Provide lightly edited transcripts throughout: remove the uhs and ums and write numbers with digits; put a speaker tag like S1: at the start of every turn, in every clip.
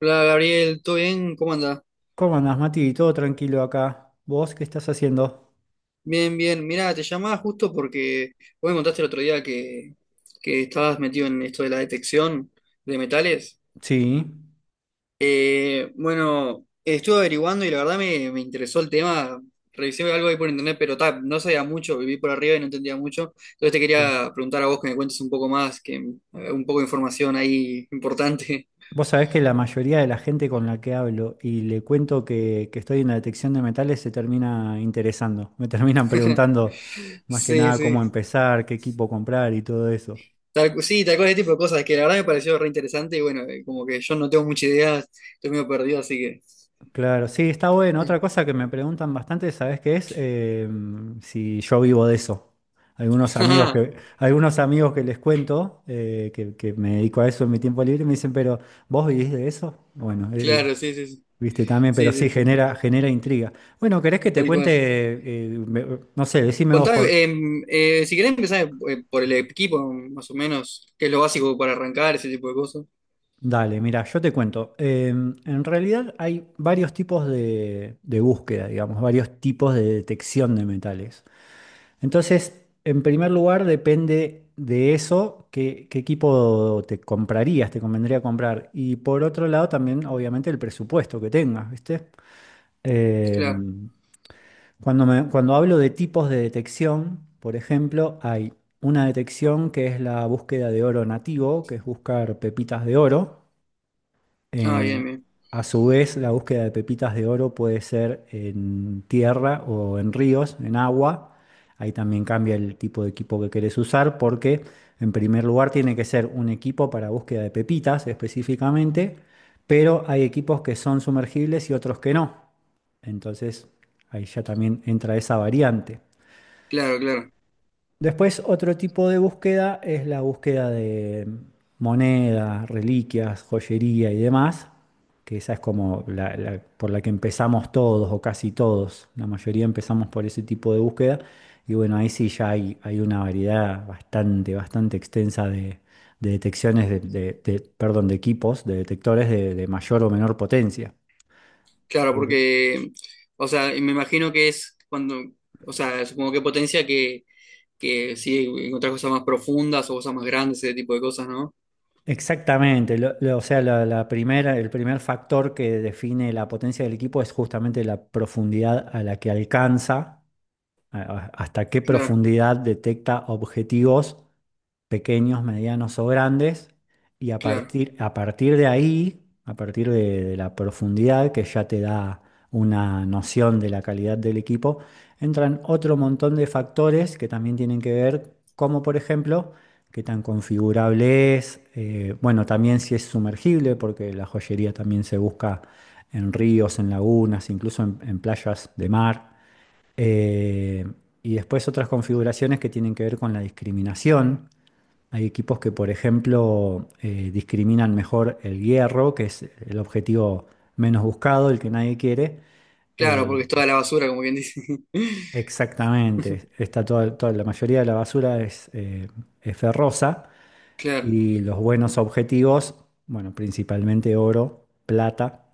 S1: Hola Gabriel, ¿todo bien? ¿Cómo andás?
S2: ¿Cómo andás, Mati? Todo tranquilo acá. ¿Vos qué estás haciendo?
S1: Bien, bien. Mira, te llamaba justo porque vos me contaste el otro día que estabas metido en esto de la detección de metales.
S2: Sí,
S1: Bueno, estuve averiguando y la verdad me interesó el tema. Revisé algo ahí por internet, pero ta, no sabía mucho, viví por arriba y no entendía mucho. Entonces te
S2: sí.
S1: quería preguntar a vos que me cuentes un poco más, que un poco de información ahí importante.
S2: Vos sabés que la mayoría de la gente con la que hablo y le cuento que estoy en la detección de metales se termina interesando. Me terminan preguntando más que
S1: Sí,
S2: nada
S1: sí.
S2: cómo empezar, qué equipo comprar y todo eso.
S1: Sí, tal cual ese tipo de cosas, que la verdad me pareció re interesante y bueno, como que yo no tengo mucha idea, estoy medio perdido, así que...
S2: Claro, sí, está bueno. Otra cosa que me preguntan bastante, ¿sabes qué es? Si yo vivo de eso.
S1: Ah,
S2: Algunos amigos que les cuento, que me dedico a eso en mi tiempo libre, me dicen, pero ¿vos vivís de eso? Bueno,
S1: claro, sí, sí, sí,
S2: viste también, pero
S1: sí,
S2: sí
S1: sí, sí,
S2: genera, genera intriga. Bueno, ¿querés que te
S1: tal
S2: cuente?
S1: cual.
S2: No sé, decime vos por.
S1: Contame, si querés empezar por el equipo, más o menos, qué es lo básico para arrancar, ese tipo de cosas.
S2: Dale, mira, yo te cuento. En realidad hay varios tipos de búsqueda, digamos, varios tipos de detección de metales. Entonces, en primer lugar, depende de eso, qué equipo te comprarías, te convendría comprar. Y por otro lado, también, obviamente, el presupuesto que tengas, ¿viste? Eh,
S1: Claro,
S2: Cuando hablo de tipos de detección, por ejemplo, hay una detección que es la búsqueda de oro nativo, que es buscar pepitas de oro.
S1: ah, bien,
S2: Eh,
S1: bien,
S2: a su vez, la búsqueda de pepitas de oro puede ser en tierra o en ríos, en agua. Ahí también cambia el tipo de equipo que querés usar porque, en primer lugar, tiene que ser un equipo para búsqueda de pepitas específicamente, pero hay equipos que son sumergibles y otros que no. Entonces, ahí ya también entra esa variante.
S1: claro, claro,
S2: Después, otro tipo de búsqueda es la búsqueda de monedas, reliquias, joyería y demás, que esa es como por la que empezamos todos o casi todos. La mayoría empezamos por ese tipo de búsqueda. Y bueno, ahí sí ya hay una variedad bastante, bastante extensa de detecciones perdón, de equipos, de detectores de mayor o menor potencia.
S1: claro, porque, o sea, y me imagino que es supongo que que sí, encontrar cosas más profundas o cosas más grandes, ese tipo de cosas, ¿no?
S2: Exactamente, o sea, la primera, el primer factor que define la potencia del equipo es justamente la profundidad a la que alcanza, hasta qué
S1: Claro,
S2: profundidad detecta objetivos pequeños, medianos o grandes, y
S1: claro.
S2: a partir de ahí, a partir de la profundidad que ya te da una noción de la calidad del equipo, entran otro montón de factores que también tienen que ver, como por ejemplo, qué tan configurable es, bueno, también si es sumergible, porque la joyería también se busca en ríos, en lagunas, incluso en playas de mar. Eh, y después otras configuraciones que tienen que ver con la discriminación, hay equipos que, por ejemplo, discriminan mejor el hierro, que es el objetivo menos buscado, el que nadie quiere.
S1: Claro, porque
S2: Eh,
S1: es toda la basura, como quien dice.
S2: Exactamente, la mayoría de la basura es ferrosa
S1: Claro.
S2: y los buenos objetivos, bueno, principalmente oro, plata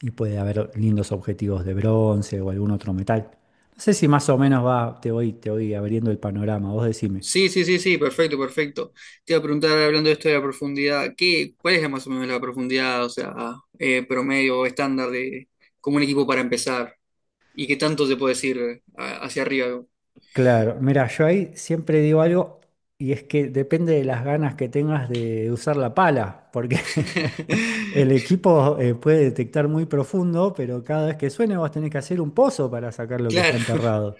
S2: y puede haber lindos objetivos de bronce o algún otro metal. No sé si más o menos va, te voy abriendo el panorama, vos decime.
S1: Sí, sí, sí, sí, perfecto, perfecto. Te iba a preguntar, hablando de esto de la profundidad, ¿qué, cuál es la más o menos la profundidad, o sea, promedio o estándar de como un equipo para empezar? ¿Y qué tanto se puede decir hacia arriba?
S2: Claro, mira, yo ahí siempre digo algo y es que depende de las ganas que tengas de usar la pala, porque el equipo puede detectar muy profundo, pero cada vez que suene vos tenés que hacer un pozo para sacar lo que está
S1: Claro,
S2: enterrado.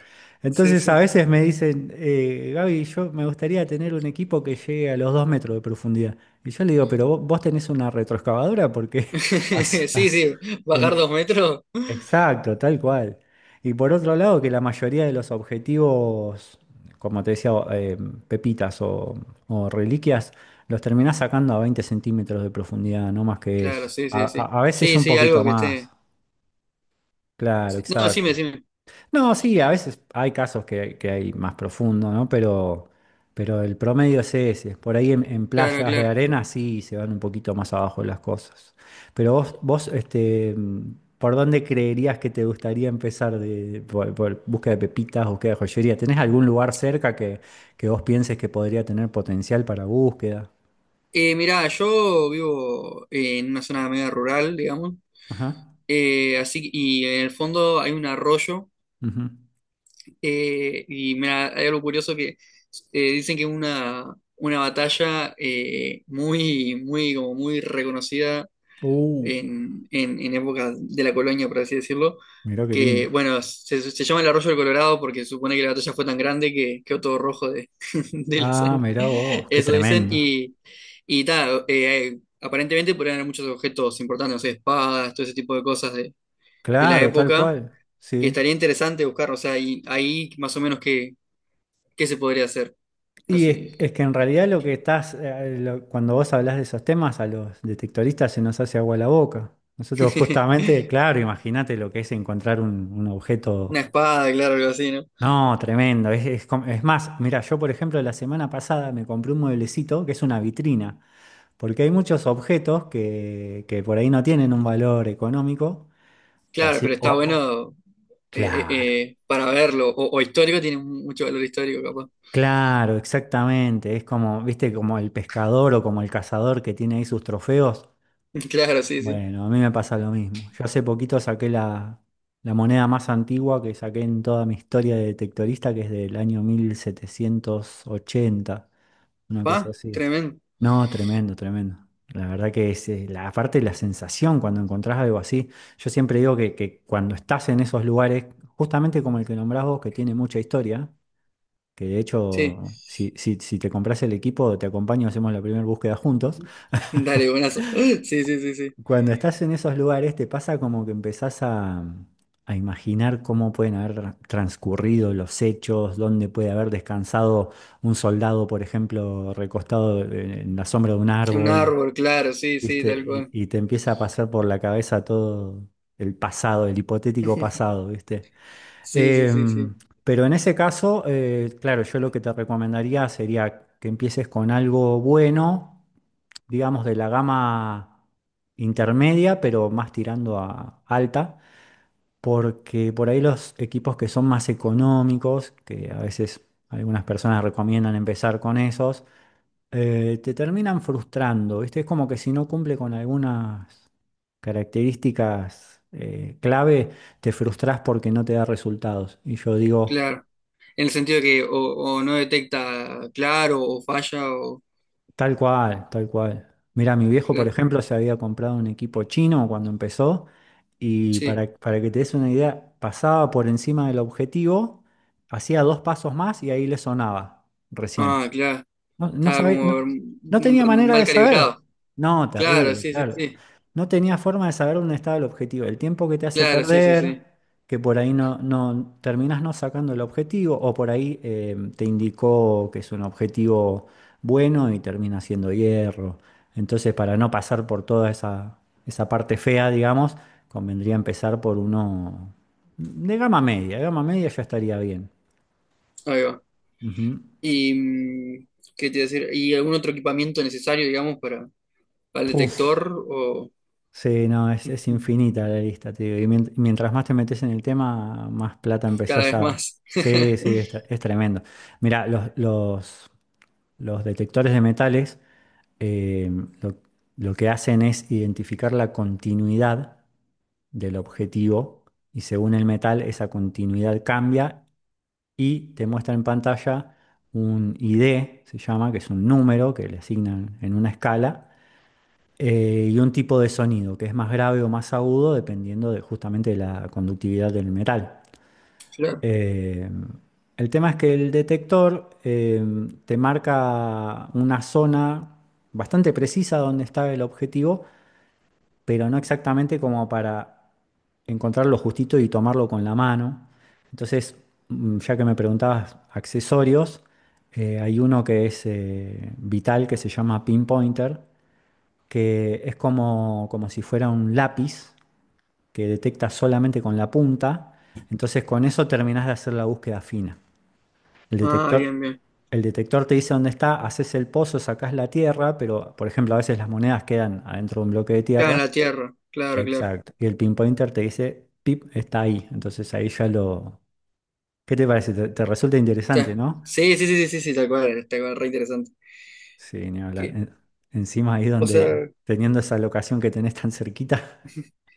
S1: sí,
S2: Entonces a
S1: sí.
S2: veces me dicen, Gaby, yo me gustaría tener un equipo que llegue a los 2 metros de profundidad. Y yo le digo, pero vos tenés una retroexcavadora porque has,
S1: Sí,
S2: has-
S1: sí, bajar
S2: en-
S1: dos metros.
S2: exacto, tal cual. Y por otro lado, que la mayoría de los objetivos, como te decía, pepitas o reliquias, los terminás sacando a 20 centímetros de profundidad, no más que
S1: Claro,
S2: eso.
S1: sí, sí, sí.
S2: A veces
S1: Sí,
S2: un
S1: sí,
S2: poquito
S1: algo que
S2: más.
S1: esté.
S2: Claro,
S1: Sí. No, decime,
S2: exacto.
S1: decime.
S2: No, sí, a veces hay casos que hay más profundo, ¿no? Pero el promedio es ese. Por ahí en
S1: Claro,
S2: playas de
S1: claro.
S2: arena sí se van un poquito más abajo las cosas. Pero ¿por dónde creerías que te gustaría por búsqueda de pepitas, búsqueda de joyería? ¿Tenés algún lugar cerca que vos pienses que podría tener potencial para búsqueda?
S1: Mirá, yo vivo en una zona media rural, digamos,
S2: Ajá.
S1: así que y en el fondo hay un arroyo
S2: Ujú.
S1: y mirá, hay algo curioso que dicen que una batalla muy muy como muy reconocida
S2: Uh,
S1: en época de la colonia, por así decirlo,
S2: mirá qué
S1: que,
S2: lindo.
S1: bueno, se llama el arroyo del Colorado porque supone que la batalla fue tan grande que quedó todo rojo de, de la
S2: Ah,
S1: sangre,
S2: mirá vos, qué
S1: eso dicen,
S2: tremendo.
S1: y ta, aparentemente podrían haber muchos objetos importantes, no sé, espadas, todo ese tipo de cosas de la
S2: Claro, tal
S1: época,
S2: cual.
S1: que
S2: Sí.
S1: estaría interesante buscar, o sea, y, ahí más o menos qué, qué se podría hacer,
S2: Y
S1: así,
S2: es que en realidad lo que estás, cuando vos hablás de esos temas, a los detectoristas se nos hace agua la boca. Nosotros justamente, claro, imagínate lo que es encontrar un
S1: una
S2: objeto,
S1: espada, claro, algo así, ¿no?
S2: no, tremendo. Es más, mira, yo por ejemplo la semana pasada me compré un mueblecito que es una vitrina, porque hay muchos objetos que por ahí no tienen un valor económico, o
S1: Claro,
S2: sí,
S1: pero está
S2: o-
S1: bueno
S2: claro.
S1: para verlo. O histórico tiene mucho valor histórico, capaz.
S2: Claro, exactamente. Es como, viste, como el pescador o como el cazador que tiene ahí sus trofeos.
S1: Claro, sí, sí.
S2: Bueno, a mí me pasa lo mismo. Yo hace poquito saqué la moneda más antigua que saqué en toda mi historia de detectorista, que es del año 1780, una cosa
S1: Va,
S2: así.
S1: tremendo.
S2: No, tremendo, tremendo. La verdad que es la parte de la sensación cuando encontrás algo así. Yo siempre digo que cuando estás en esos lugares, justamente como el que nombrás vos, que tiene mucha historia, que de
S1: Sí.
S2: hecho, si te compras el equipo, te acompaño, hacemos la primera búsqueda.
S1: Dale, buenazo. Sí, sí, sí, sí.
S2: Cuando estás en esos lugares te pasa como que empezás a imaginar cómo pueden haber transcurrido los hechos, dónde puede haber descansado un soldado, por ejemplo, recostado en la sombra de un
S1: Un
S2: árbol,
S1: árbol, claro, sí, sí,
S2: ¿viste?
S1: tal cual.
S2: Y te empieza a pasar por la cabeza todo el pasado, el hipotético pasado, ¿viste?
S1: Sí, sí, sí,
S2: Em,
S1: sí.
S2: pero en ese caso, claro, yo lo que te recomendaría sería que empieces con algo bueno digamos, de la gama intermedia, pero más tirando a alta, porque por ahí los equipos que son más económicos, que a veces algunas personas recomiendan empezar con esos, te terminan frustrando, ¿viste? Es como que si no cumple con algunas características clave, te frustras porque no te da resultados. Y yo digo...
S1: Claro. En el sentido que o no detecta claro, o falla, o.
S2: Tal cual, tal cual. Mira, mi viejo, por
S1: Claro.
S2: ejemplo, se había comprado un equipo chino cuando empezó y
S1: Sí.
S2: para que te des una idea, pasaba por encima del objetivo, hacía dos pasos más y ahí le sonaba recién.
S1: Ah, claro. Estaba
S2: No,
S1: como
S2: no tenía
S1: mm,
S2: manera
S1: mal
S2: de saber.
S1: calibrado.
S2: No,
S1: Claro,
S2: terrible,
S1: sí, sí,
S2: claro.
S1: sí.
S2: No tenía forma de saber dónde estaba el objetivo. El tiempo que te hace
S1: Claro, sí, sí,
S2: perder,
S1: sí.
S2: que por ahí no terminás no sacando el objetivo, o por ahí te indicó que es un objetivo bueno y termina siendo hierro. Entonces, para no pasar por toda esa parte fea, digamos, convendría empezar por uno de gama media. Gama media ya estaría bien.
S1: Ahí va.
S2: Ujú.
S1: Y mm, qué te iba a decir, y algún otro equipamiento necesario, digamos, para, al
S2: Uf.
S1: detector o
S2: Sí, no, es infinita la lista, te digo. Y mientras más te metes en el tema, más plata
S1: cada
S2: empezás
S1: vez
S2: a...
S1: más.
S2: Sí, sí, es tremendo. Mira, los detectores de metales eh, lo, lo que hacen es identificar la continuidad del objetivo y según el metal esa continuidad cambia y te muestra en pantalla un ID, se llama, que es un número que le asignan en una escala y un tipo de sonido que es más grave o más agudo dependiendo de, justamente de la conductividad del metal.
S1: Claro.
S2: Eh, el tema es que el detector te marca una zona bastante precisa donde está el objetivo, pero no exactamente como para encontrarlo justito y tomarlo con la mano. Entonces, mm, ya que me preguntabas accesorios, hay uno que es vital que se llama pinpointer que es como, como si fuera un lápiz que detecta solamente con la punta. Entonces con eso terminás de hacer la búsqueda fina. El
S1: Ah,
S2: detector,
S1: bien, bien.
S2: el detector te dice dónde está, haces el pozo, sacás la tierra, pero por ejemplo a veces las monedas quedan adentro de un bloque de
S1: Claro, en
S2: tierra.
S1: la Tierra. Claro, claro.
S2: Exacto. Y el pinpointer te dice, pip, está ahí. Entonces ahí ya lo... ¿Qué te parece? Te resulta interesante,
S1: Claro.
S2: ¿no?
S1: Sí, sí, sí, sí, sí, sí, tal cual, re interesante.
S2: Sí, ni hablar.
S1: Que,
S2: Encima ahí
S1: o
S2: donde,
S1: sea,
S2: teniendo esa locación que tenés tan cerquita.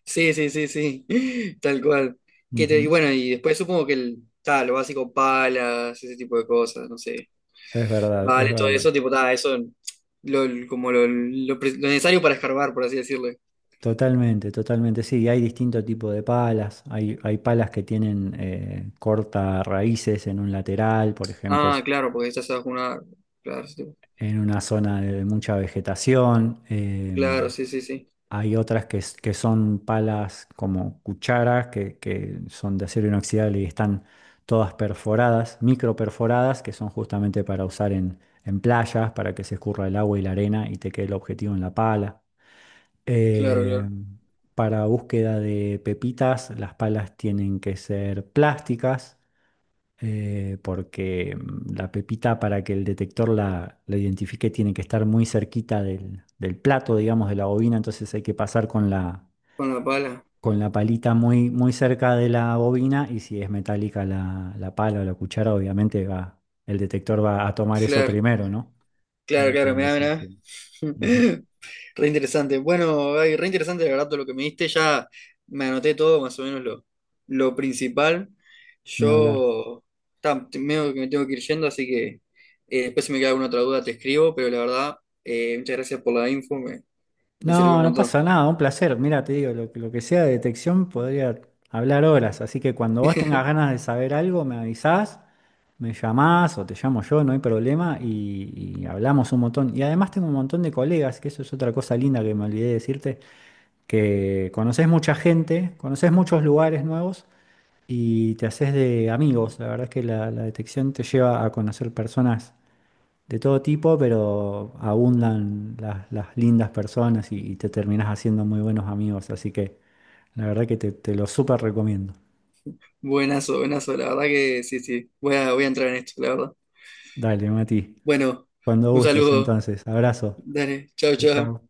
S1: sí, sí, sí, sí, tal cual. Y
S2: Ujú.
S1: bueno, y después supongo que el, ta, lo básico, palas, ese tipo de cosas, no sé.
S2: Es verdad,
S1: Vale,
S2: es
S1: todo
S2: verdad.
S1: eso, tipo, ta, eso, como lo necesario para escarbar, por así decirlo.
S2: Totalmente, totalmente, sí, hay distinto tipo de palas, hay palas que tienen corta raíces en un lateral, por ejemplo,
S1: Ah, claro, porque estás bajo una... Claro, sí,
S2: en una zona de mucha vegetación,
S1: claro, sí, sí, sí,
S2: hay otras que son palas como cucharas, que son de acero inoxidable y están todas perforadas, micro perforadas, que son justamente para usar en playas, para que se escurra el agua y la arena y te quede el objetivo en la pala.
S1: claro,
S2: Eh,
S1: claro.
S2: para búsqueda de pepitas, las palas tienen que ser plásticas, porque mm, la pepita para que el detector la identifique tiene que estar muy cerquita del plato, digamos, de la bobina, entonces hay que pasar
S1: Con la pala.
S2: con la palita muy, muy cerca de la bobina y si es metálica la pala o la cuchara, obviamente va, el detector va a tomar eso
S1: Claro,
S2: primero, ¿no?
S1: claro, claro, mirá,
S2: Entonces, sí,
S1: mirá.
S2: sí. Ujú.
S1: Re interesante. Bueno, ay, re interesante la verdad todo lo que me diste. Ya me anoté todo, más o menos lo principal.
S2: Ni hablar.
S1: Yo ta, te- medio que me tengo que ir yendo, así que después si me queda alguna otra duda te escribo, pero la verdad, muchas gracias por la info, me sirvió un
S2: No, no
S1: montón.
S2: pasa nada, un placer. Mira, te digo, que lo que sea de detección podría hablar horas, así que cuando vos tengas ganas de saber algo, me avisás, me llamás o te llamo yo, no hay problema, y hablamos un montón. Y además tengo un montón de colegas, que eso es otra cosa linda que me olvidé de decirte, que conoces mucha gente, conoces muchos lugares nuevos y te haces de amigos. La verdad es que la detección te lleva a conocer personas de todo tipo, pero abundan las lindas personas y te terminás haciendo muy buenos amigos. Así que la verdad que te lo súper recomiendo.
S1: Buenazo, buenazo, la verdad que sí, sí. Voy a, voy a entrar en esto, la verdad.
S2: Dale, Mati.
S1: Bueno,
S2: Cuando
S1: un
S2: gustes,
S1: saludo.
S2: entonces. Abrazo.
S1: Dale, chao,
S2: Chao,
S1: chao.
S2: chao.